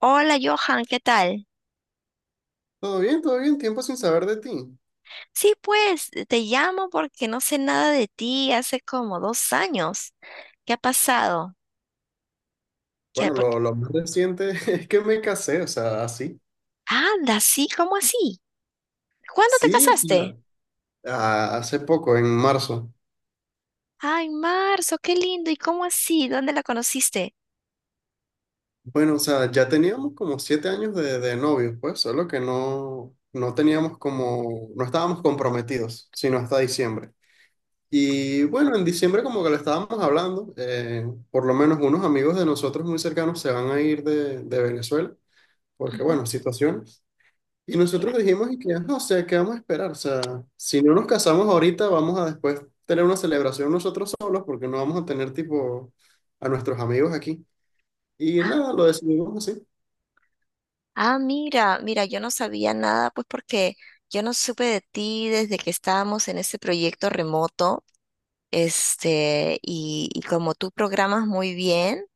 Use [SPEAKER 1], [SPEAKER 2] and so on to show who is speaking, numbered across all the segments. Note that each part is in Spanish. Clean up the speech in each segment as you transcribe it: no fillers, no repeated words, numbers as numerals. [SPEAKER 1] Hola Johan, ¿qué tal?
[SPEAKER 2] Todo bien, tiempo sin saber de ti.
[SPEAKER 1] Sí, pues te llamo porque no sé nada de ti hace como 2 años. ¿Qué ha pasado? ¿Qué,
[SPEAKER 2] Bueno,
[SPEAKER 1] por qué?
[SPEAKER 2] lo más reciente es que me casé, o sea, así.
[SPEAKER 1] Anda, sí, ¿cómo así? ¿Cuándo te
[SPEAKER 2] Sí, o
[SPEAKER 1] casaste?
[SPEAKER 2] sea, hace poco, en marzo.
[SPEAKER 1] Ay, marzo, qué lindo. ¿Y cómo así? ¿Dónde la conociste?
[SPEAKER 2] Bueno, o sea, ya teníamos como 7 años de novios, pues, solo que no, no teníamos como, no estábamos comprometidos, sino hasta diciembre. Y bueno, en diciembre como que lo estábamos hablando, por lo menos unos amigos de nosotros muy cercanos se van a ir de Venezuela, porque
[SPEAKER 1] Ujú.
[SPEAKER 2] bueno, situación. Y
[SPEAKER 1] la-
[SPEAKER 2] nosotros dijimos, y que, "Ajá, o sea, ¿qué vamos a esperar? O sea, si no nos casamos ahorita, vamos a después tener una celebración nosotros solos porque no vamos a tener tipo a nuestros amigos aquí. Y
[SPEAKER 1] Ah,
[SPEAKER 2] nada, lo decidimos así.
[SPEAKER 1] ah, mira, mira, yo no sabía nada, pues porque yo no supe de ti desde que estábamos en este proyecto remoto. Este, y como tú programas muy bien.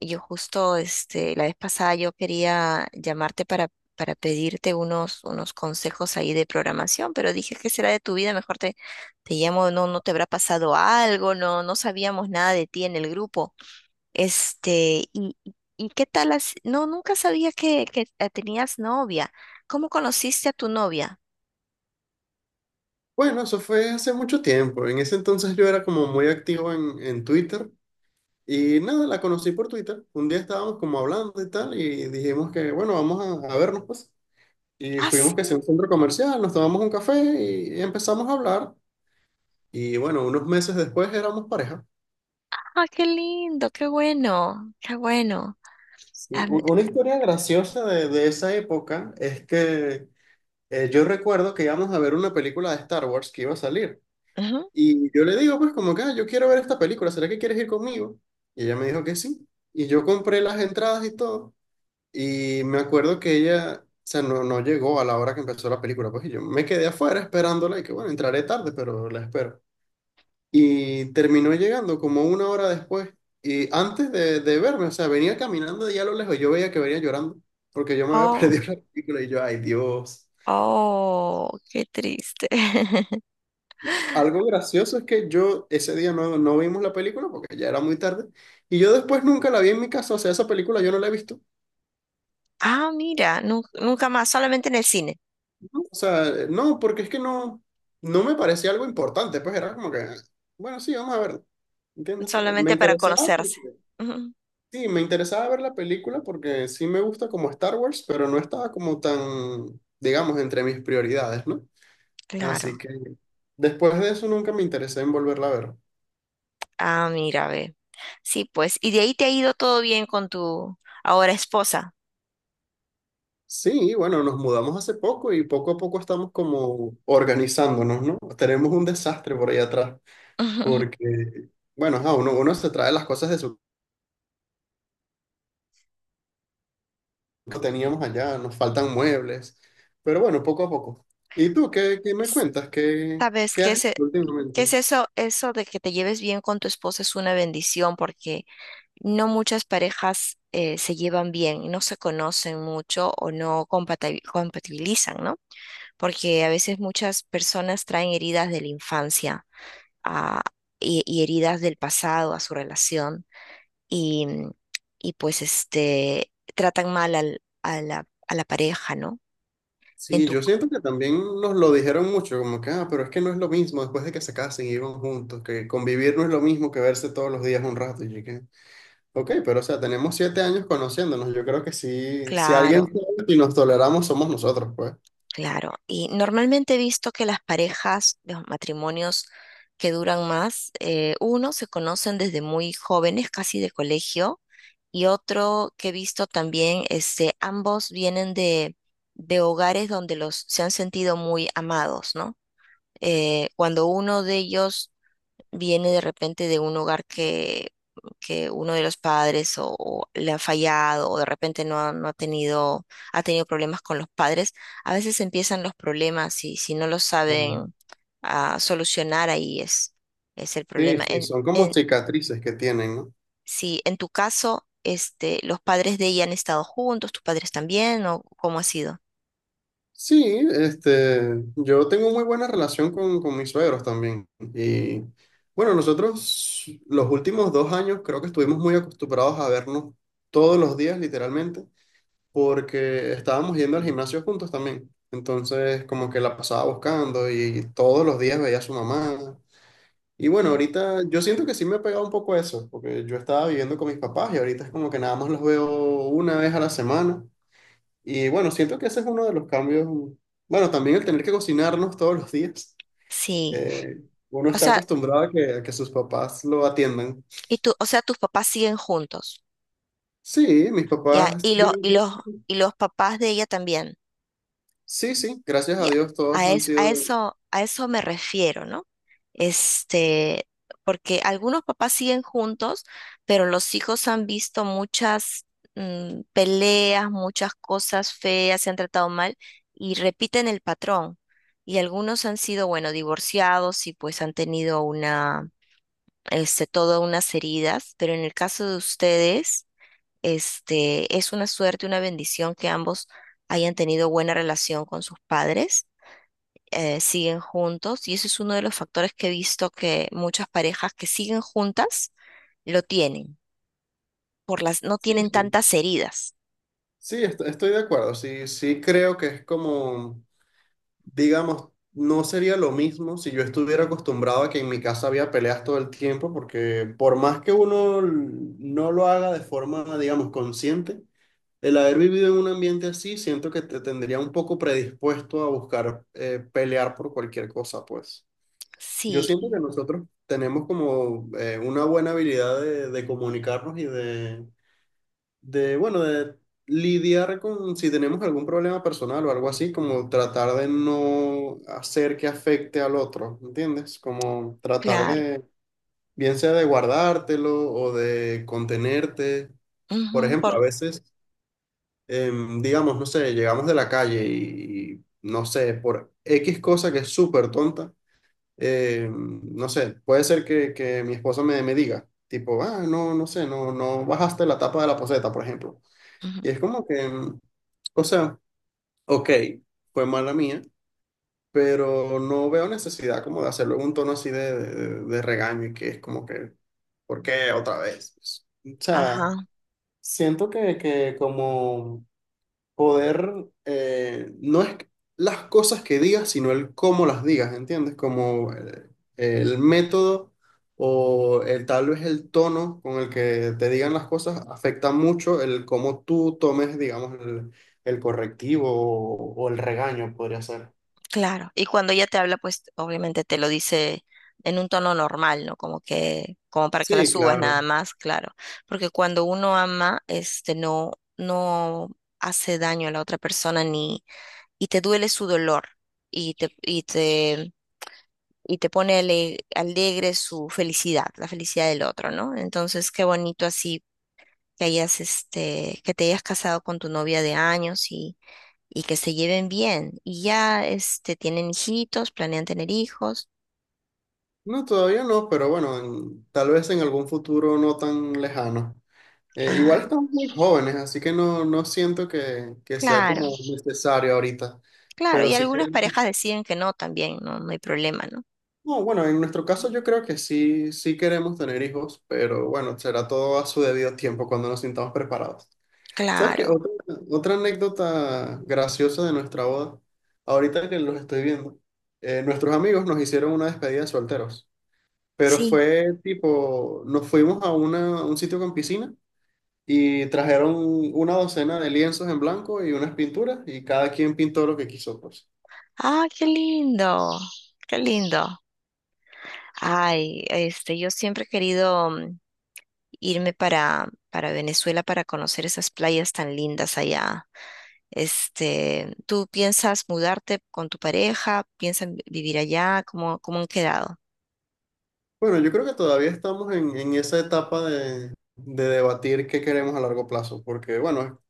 [SPEAKER 1] Yo justo, este, la vez pasada yo quería llamarte para pedirte unos, unos consejos ahí de programación, pero dije, ¿qué será de tu vida? Mejor te, te llamo, no, no te habrá pasado algo, no, no sabíamos nada de ti en el grupo. Este, y qué tal, no, nunca sabía que, que tenías novia. ¿Cómo conociste a tu novia?
[SPEAKER 2] Bueno, eso fue hace mucho tiempo. En ese entonces yo era como muy activo en Twitter y nada, la conocí por Twitter. Un día estábamos como hablando y tal y dijimos que, bueno, vamos a vernos pues. Y
[SPEAKER 1] Ah,
[SPEAKER 2] fuimos
[SPEAKER 1] sí,
[SPEAKER 2] que sea un centro comercial, nos tomamos un café y empezamos a hablar. Y bueno, unos meses después éramos pareja.
[SPEAKER 1] ah, qué lindo, qué bueno, qué bueno.
[SPEAKER 2] Sí,
[SPEAKER 1] Ah,
[SPEAKER 2] una historia graciosa de esa época es que yo recuerdo que íbamos a ver una película de Star Wars que iba a salir.
[SPEAKER 1] ujú.
[SPEAKER 2] Y yo le digo, pues como que, "Ah, yo quiero ver esta película, ¿será que quieres ir conmigo? Y ella me dijo que sí. Y yo compré las entradas y todo. Y me acuerdo que ella, o sea, no, no llegó a la hora que empezó la película. Pues y yo me quedé afuera esperándola y que, bueno, entraré tarde, pero la espero. Y terminó llegando como una hora después. Y antes de verme, o sea, venía caminando de allá a lo lejos. Yo veía que venía llorando porque yo me había
[SPEAKER 1] Oh,
[SPEAKER 2] perdido la película y yo, ay Dios.
[SPEAKER 1] oh, qué triste.
[SPEAKER 2] Algo gracioso es que yo ese día no, no vimos la película porque ya era muy tarde. Y yo después nunca la vi en mi casa. O sea, esa película yo no la he visto.
[SPEAKER 1] Ah, mira, nunca más, solamente en el cine,
[SPEAKER 2] O sea, no, porque es que no, no me parecía algo importante. Pues era como que, bueno, sí, vamos a verla. ¿Entiendes? Me
[SPEAKER 1] solamente para
[SPEAKER 2] interesaba
[SPEAKER 1] conocerse.
[SPEAKER 2] porque
[SPEAKER 1] Ujú.
[SPEAKER 2] sí, me interesaba ver la película porque sí me gusta como Star Wars, pero no estaba como tan, digamos, entre mis prioridades, ¿no? Así
[SPEAKER 1] Claro.
[SPEAKER 2] que después de eso nunca me interesé en volverla a ver.
[SPEAKER 1] Ah, mira, ve. Sí, pues, y de ahí te ha ido todo bien con tu ahora esposa.
[SPEAKER 2] Sí, bueno, nos mudamos hace poco y poco a poco estamos como organizándonos, ¿no? Tenemos un desastre por ahí atrás, porque, bueno, ajá, uno se trae las cosas de su que teníamos allá, nos faltan muebles, pero bueno, poco a poco. ¿Y tú qué, me
[SPEAKER 1] S-
[SPEAKER 2] cuentas? ¿Qué,
[SPEAKER 1] ¿Sabes
[SPEAKER 2] qué
[SPEAKER 1] qué
[SPEAKER 2] has
[SPEAKER 1] es,
[SPEAKER 2] hecho
[SPEAKER 1] qué es
[SPEAKER 2] últimamente?
[SPEAKER 1] eso? Eso de que te lleves bien con tu esposa es una bendición porque no muchas parejas se llevan bien, no se conocen mucho o no compatibilizan, ¿no? Porque a veces muchas personas traen heridas de la infancia a- y heridas del pasado a su relación y, y pues este, tratan mal a la pareja, ¿no? En
[SPEAKER 2] Sí,
[SPEAKER 1] tu,
[SPEAKER 2] yo siento que también nos lo dijeron mucho, como que, pero es que no es lo mismo después de que se casen y vivan juntos, que convivir no es lo mismo que verse todos los días un rato. Y yo que, ok, pero o sea, tenemos 7 años conociéndonos, yo creo que sí, si alguien
[SPEAKER 1] claro,
[SPEAKER 2] sabe y nos toleramos somos nosotros, pues.
[SPEAKER 1] claro. Y normalmente he visto que las parejas, los matrimonios que duran más, uno se conocen desde muy jóvenes, casi de colegio, y otro que he visto también, este, ambos vienen de hogares donde los se han sentido muy amados, ¿no? Cuando uno de ellos viene de repente de un hogar que uno de los padres o le ha fallado o de repente no ha, no ha tenido, ha tenido problemas con los padres, a veces empiezan los problemas y si no los
[SPEAKER 2] Ah,
[SPEAKER 1] saben solucionar, ahí es el
[SPEAKER 2] sí,
[SPEAKER 1] problema.
[SPEAKER 2] sí, son como
[SPEAKER 1] En,
[SPEAKER 2] cicatrices que tienen, ¿no?
[SPEAKER 1] si en tu caso, este, los padres de ella han estado juntos, tus padres también, ¿o cómo ha sido?
[SPEAKER 2] Sí, este, yo tengo muy buena relación con mis suegros también. Y bueno, nosotros los últimos 2 años creo que estuvimos muy acostumbrados a vernos todos los días, literalmente. Porque estábamos yendo al gimnasio juntos también. Entonces, como que la pasaba buscando y todos los días veía a su mamá. Y bueno,
[SPEAKER 1] Mm.
[SPEAKER 2] ahorita yo siento que sí me ha pegado un poco eso, porque yo estaba viviendo con mis papás y ahorita es como que nada más los veo una vez a la semana. Y bueno, siento que ese es uno de los cambios. Bueno, también el tener que cocinarnos todos los días.
[SPEAKER 1] Sí,
[SPEAKER 2] Eh, uno
[SPEAKER 1] o
[SPEAKER 2] está
[SPEAKER 1] sea,
[SPEAKER 2] acostumbrado a que sus papás lo atiendan.
[SPEAKER 1] y tú, o sea, tus papás siguen juntos,
[SPEAKER 2] Sí, mis
[SPEAKER 1] ¿ya?
[SPEAKER 2] papás
[SPEAKER 1] Y los,
[SPEAKER 2] viven.
[SPEAKER 1] y los, y los papás de ella también.
[SPEAKER 2] Sí, sí, gracias a
[SPEAKER 1] Ya,
[SPEAKER 2] Dios todos
[SPEAKER 1] a,
[SPEAKER 2] han sido.
[SPEAKER 1] a eso me refiero, ¿no? Este, porque algunos papás siguen juntos, pero los hijos han visto muchas mm, peleas, muchas cosas feas, se han tratado mal y repiten el patrón. Y algunos han sido, bueno, divorciados y pues han tenido una, este, todas unas heridas, pero en el caso de ustedes, este, es una suerte, una bendición que ambos hayan tenido buena relación con sus padres siguen juntos y ese es uno de los factores que he visto que muchas parejas que siguen juntas lo tienen, no
[SPEAKER 2] Sí,
[SPEAKER 1] tienen
[SPEAKER 2] sí.
[SPEAKER 1] tantas heridas.
[SPEAKER 2] Sí, estoy de acuerdo. Sí, sí creo que es como, digamos, no sería lo mismo si yo estuviera acostumbrado a que en mi casa había peleas todo el tiempo, porque por más que uno no lo haga de forma, digamos, consciente, el haber vivido en un ambiente así, siento que te tendría un poco predispuesto a buscar pelear por cualquier cosa, pues. Yo
[SPEAKER 1] Sí,
[SPEAKER 2] siento que
[SPEAKER 1] y
[SPEAKER 2] nosotros tenemos como una buena habilidad de comunicarnos y de bueno, de lidiar con si tenemos algún problema personal o algo así, como tratar de no hacer que afecte al otro, ¿entiendes? Como tratar
[SPEAKER 1] claro.
[SPEAKER 2] de, bien sea de guardártelo o de contenerte. Por
[SPEAKER 1] Ujú,
[SPEAKER 2] ejemplo, a veces, digamos, no sé, llegamos de la calle y, no sé, por X cosa que es súper tonta, no sé, puede ser que mi esposa me, me diga. Tipo, ah, no, no sé, no, no bajaste la tapa de la poceta, por ejemplo.
[SPEAKER 1] ujú,
[SPEAKER 2] Y es como que, o sea, ok, fue mala mía, pero no veo necesidad como de hacerlo en un tono así de regaño y que es como que, ¿por qué otra vez? O sea,
[SPEAKER 1] ajá,
[SPEAKER 2] siento que como poder, no es las cosas que digas, sino el cómo las digas, ¿entiendes? Como el método o tal vez el tono con el que te digan las cosas afecta mucho el cómo tú tomes, digamos, el correctivo o el regaño, podría ser.
[SPEAKER 1] claro. Y cuando ella te habla, pues obviamente te lo dice en un tono normal, ¿no? Como que, como para que la
[SPEAKER 2] Sí,
[SPEAKER 1] subas nada
[SPEAKER 2] claro.
[SPEAKER 1] más, claro. Porque cuando uno ama, este, no, no hace daño a la otra persona ni, y te duele su dolor y te, y te y te pone alegre su felicidad, la felicidad del otro, ¿no? Entonces, qué bonito así que hayas, este, que te hayas casado con tu novia de años y que se lleven bien. Y ya, este, tienen hijitos, ¿planean tener hijos?
[SPEAKER 2] No, todavía no, pero bueno, tal vez en algún futuro no tan lejano. Igual
[SPEAKER 1] Ah,
[SPEAKER 2] estamos muy jóvenes, así que no, no siento que sea
[SPEAKER 1] claro,
[SPEAKER 2] como necesario ahorita.
[SPEAKER 1] claro.
[SPEAKER 2] Pero
[SPEAKER 1] Y
[SPEAKER 2] si
[SPEAKER 1] algunas
[SPEAKER 2] queremos,
[SPEAKER 1] parejas deciden que no también, no, no hay problema, ¿no?
[SPEAKER 2] no, bueno, en nuestro caso yo creo que sí, sí queremos tener hijos, pero bueno, será todo a su debido tiempo cuando nos sintamos preparados. ¿Sabes qué?
[SPEAKER 1] Claro,
[SPEAKER 2] Otra anécdota graciosa de nuestra boda, ahorita que los estoy viendo, nuestros amigos nos hicieron una despedida de solteros, pero
[SPEAKER 1] sí.
[SPEAKER 2] fue tipo, nos fuimos a un sitio con piscina. Y trajeron una docena de lienzos en blanco y unas pinturas y cada quien pintó lo que quiso, pues.
[SPEAKER 1] Ah, qué lindo, qué lindo. Ay, este, yo siempre he querido mm, irme para Venezuela para conocer esas playas tan lindas allá. Este, ¿tú piensas mudarte con tu pareja? ¿Piensan vivir allá? ¿Cómo, cómo han quedado?
[SPEAKER 2] Bueno, yo creo que todavía estamos en esa etapa de debatir qué queremos a largo plazo, porque bueno,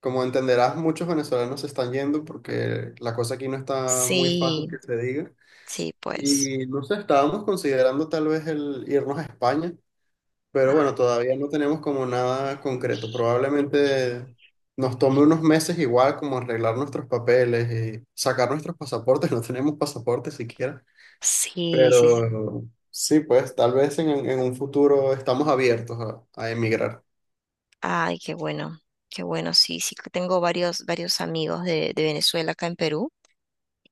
[SPEAKER 2] como entenderás, muchos venezolanos se están yendo porque la cosa aquí no está muy fácil que
[SPEAKER 1] Sí,
[SPEAKER 2] se diga.
[SPEAKER 1] sí, pues.
[SPEAKER 2] Y no sé, estábamos considerando tal vez el irnos a España. Pero
[SPEAKER 1] Ah,
[SPEAKER 2] bueno, todavía no tenemos como nada concreto. Probablemente nos tome unos meses igual como arreglar nuestros papeles y sacar nuestros pasaportes. No tenemos pasaportes siquiera.
[SPEAKER 1] sí, sí, sí.
[SPEAKER 2] Pero sí, pues tal vez en un futuro estamos abiertos a emigrar.
[SPEAKER 1] Ay, qué bueno, qué bueno. Sí, sí, que tengo varios, varios amigos de Venezuela acá en Perú,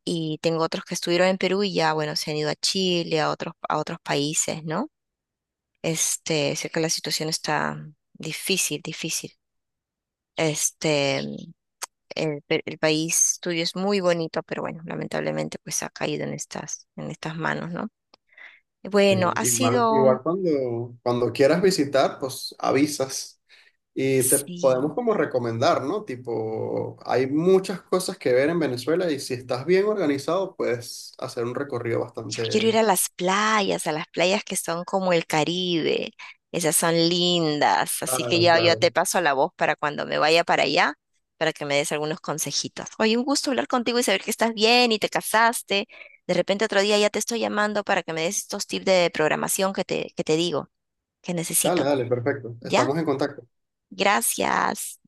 [SPEAKER 1] y tengo otros que estuvieron en Perú y ya, bueno, se han ido a Chile, a otros países, ¿no? Este, sé que la situación está difícil, difícil. Este, el, el país tuyo es muy bonito, pero bueno, lamentablemente pues ha caído en estas manos, ¿no?
[SPEAKER 2] Sí,
[SPEAKER 1] Bueno, ha
[SPEAKER 2] Igual,
[SPEAKER 1] sido,
[SPEAKER 2] igual cuando, cuando quieras visitar, pues avisas y te podemos
[SPEAKER 1] sí,
[SPEAKER 2] como recomendar, ¿no? Tipo, hay muchas cosas que ver en Venezuela y si estás bien organizado, puedes hacer un recorrido
[SPEAKER 1] yo quiero ir
[SPEAKER 2] bastante.
[SPEAKER 1] a las playas que son como el Caribe. Esas son lindas. Así que
[SPEAKER 2] Claro,
[SPEAKER 1] ya yo
[SPEAKER 2] claro.
[SPEAKER 1] te paso la voz para cuando me vaya para allá, para que me des algunos consejitos. Oye, un gusto hablar contigo y saber que estás bien y te casaste. De repente otro día ya te estoy llamando para que me des estos tips de programación que te digo, que
[SPEAKER 2] Dale,
[SPEAKER 1] necesito.
[SPEAKER 2] dale, perfecto.
[SPEAKER 1] ¿Ya?
[SPEAKER 2] Estamos en contacto.
[SPEAKER 1] Gracias.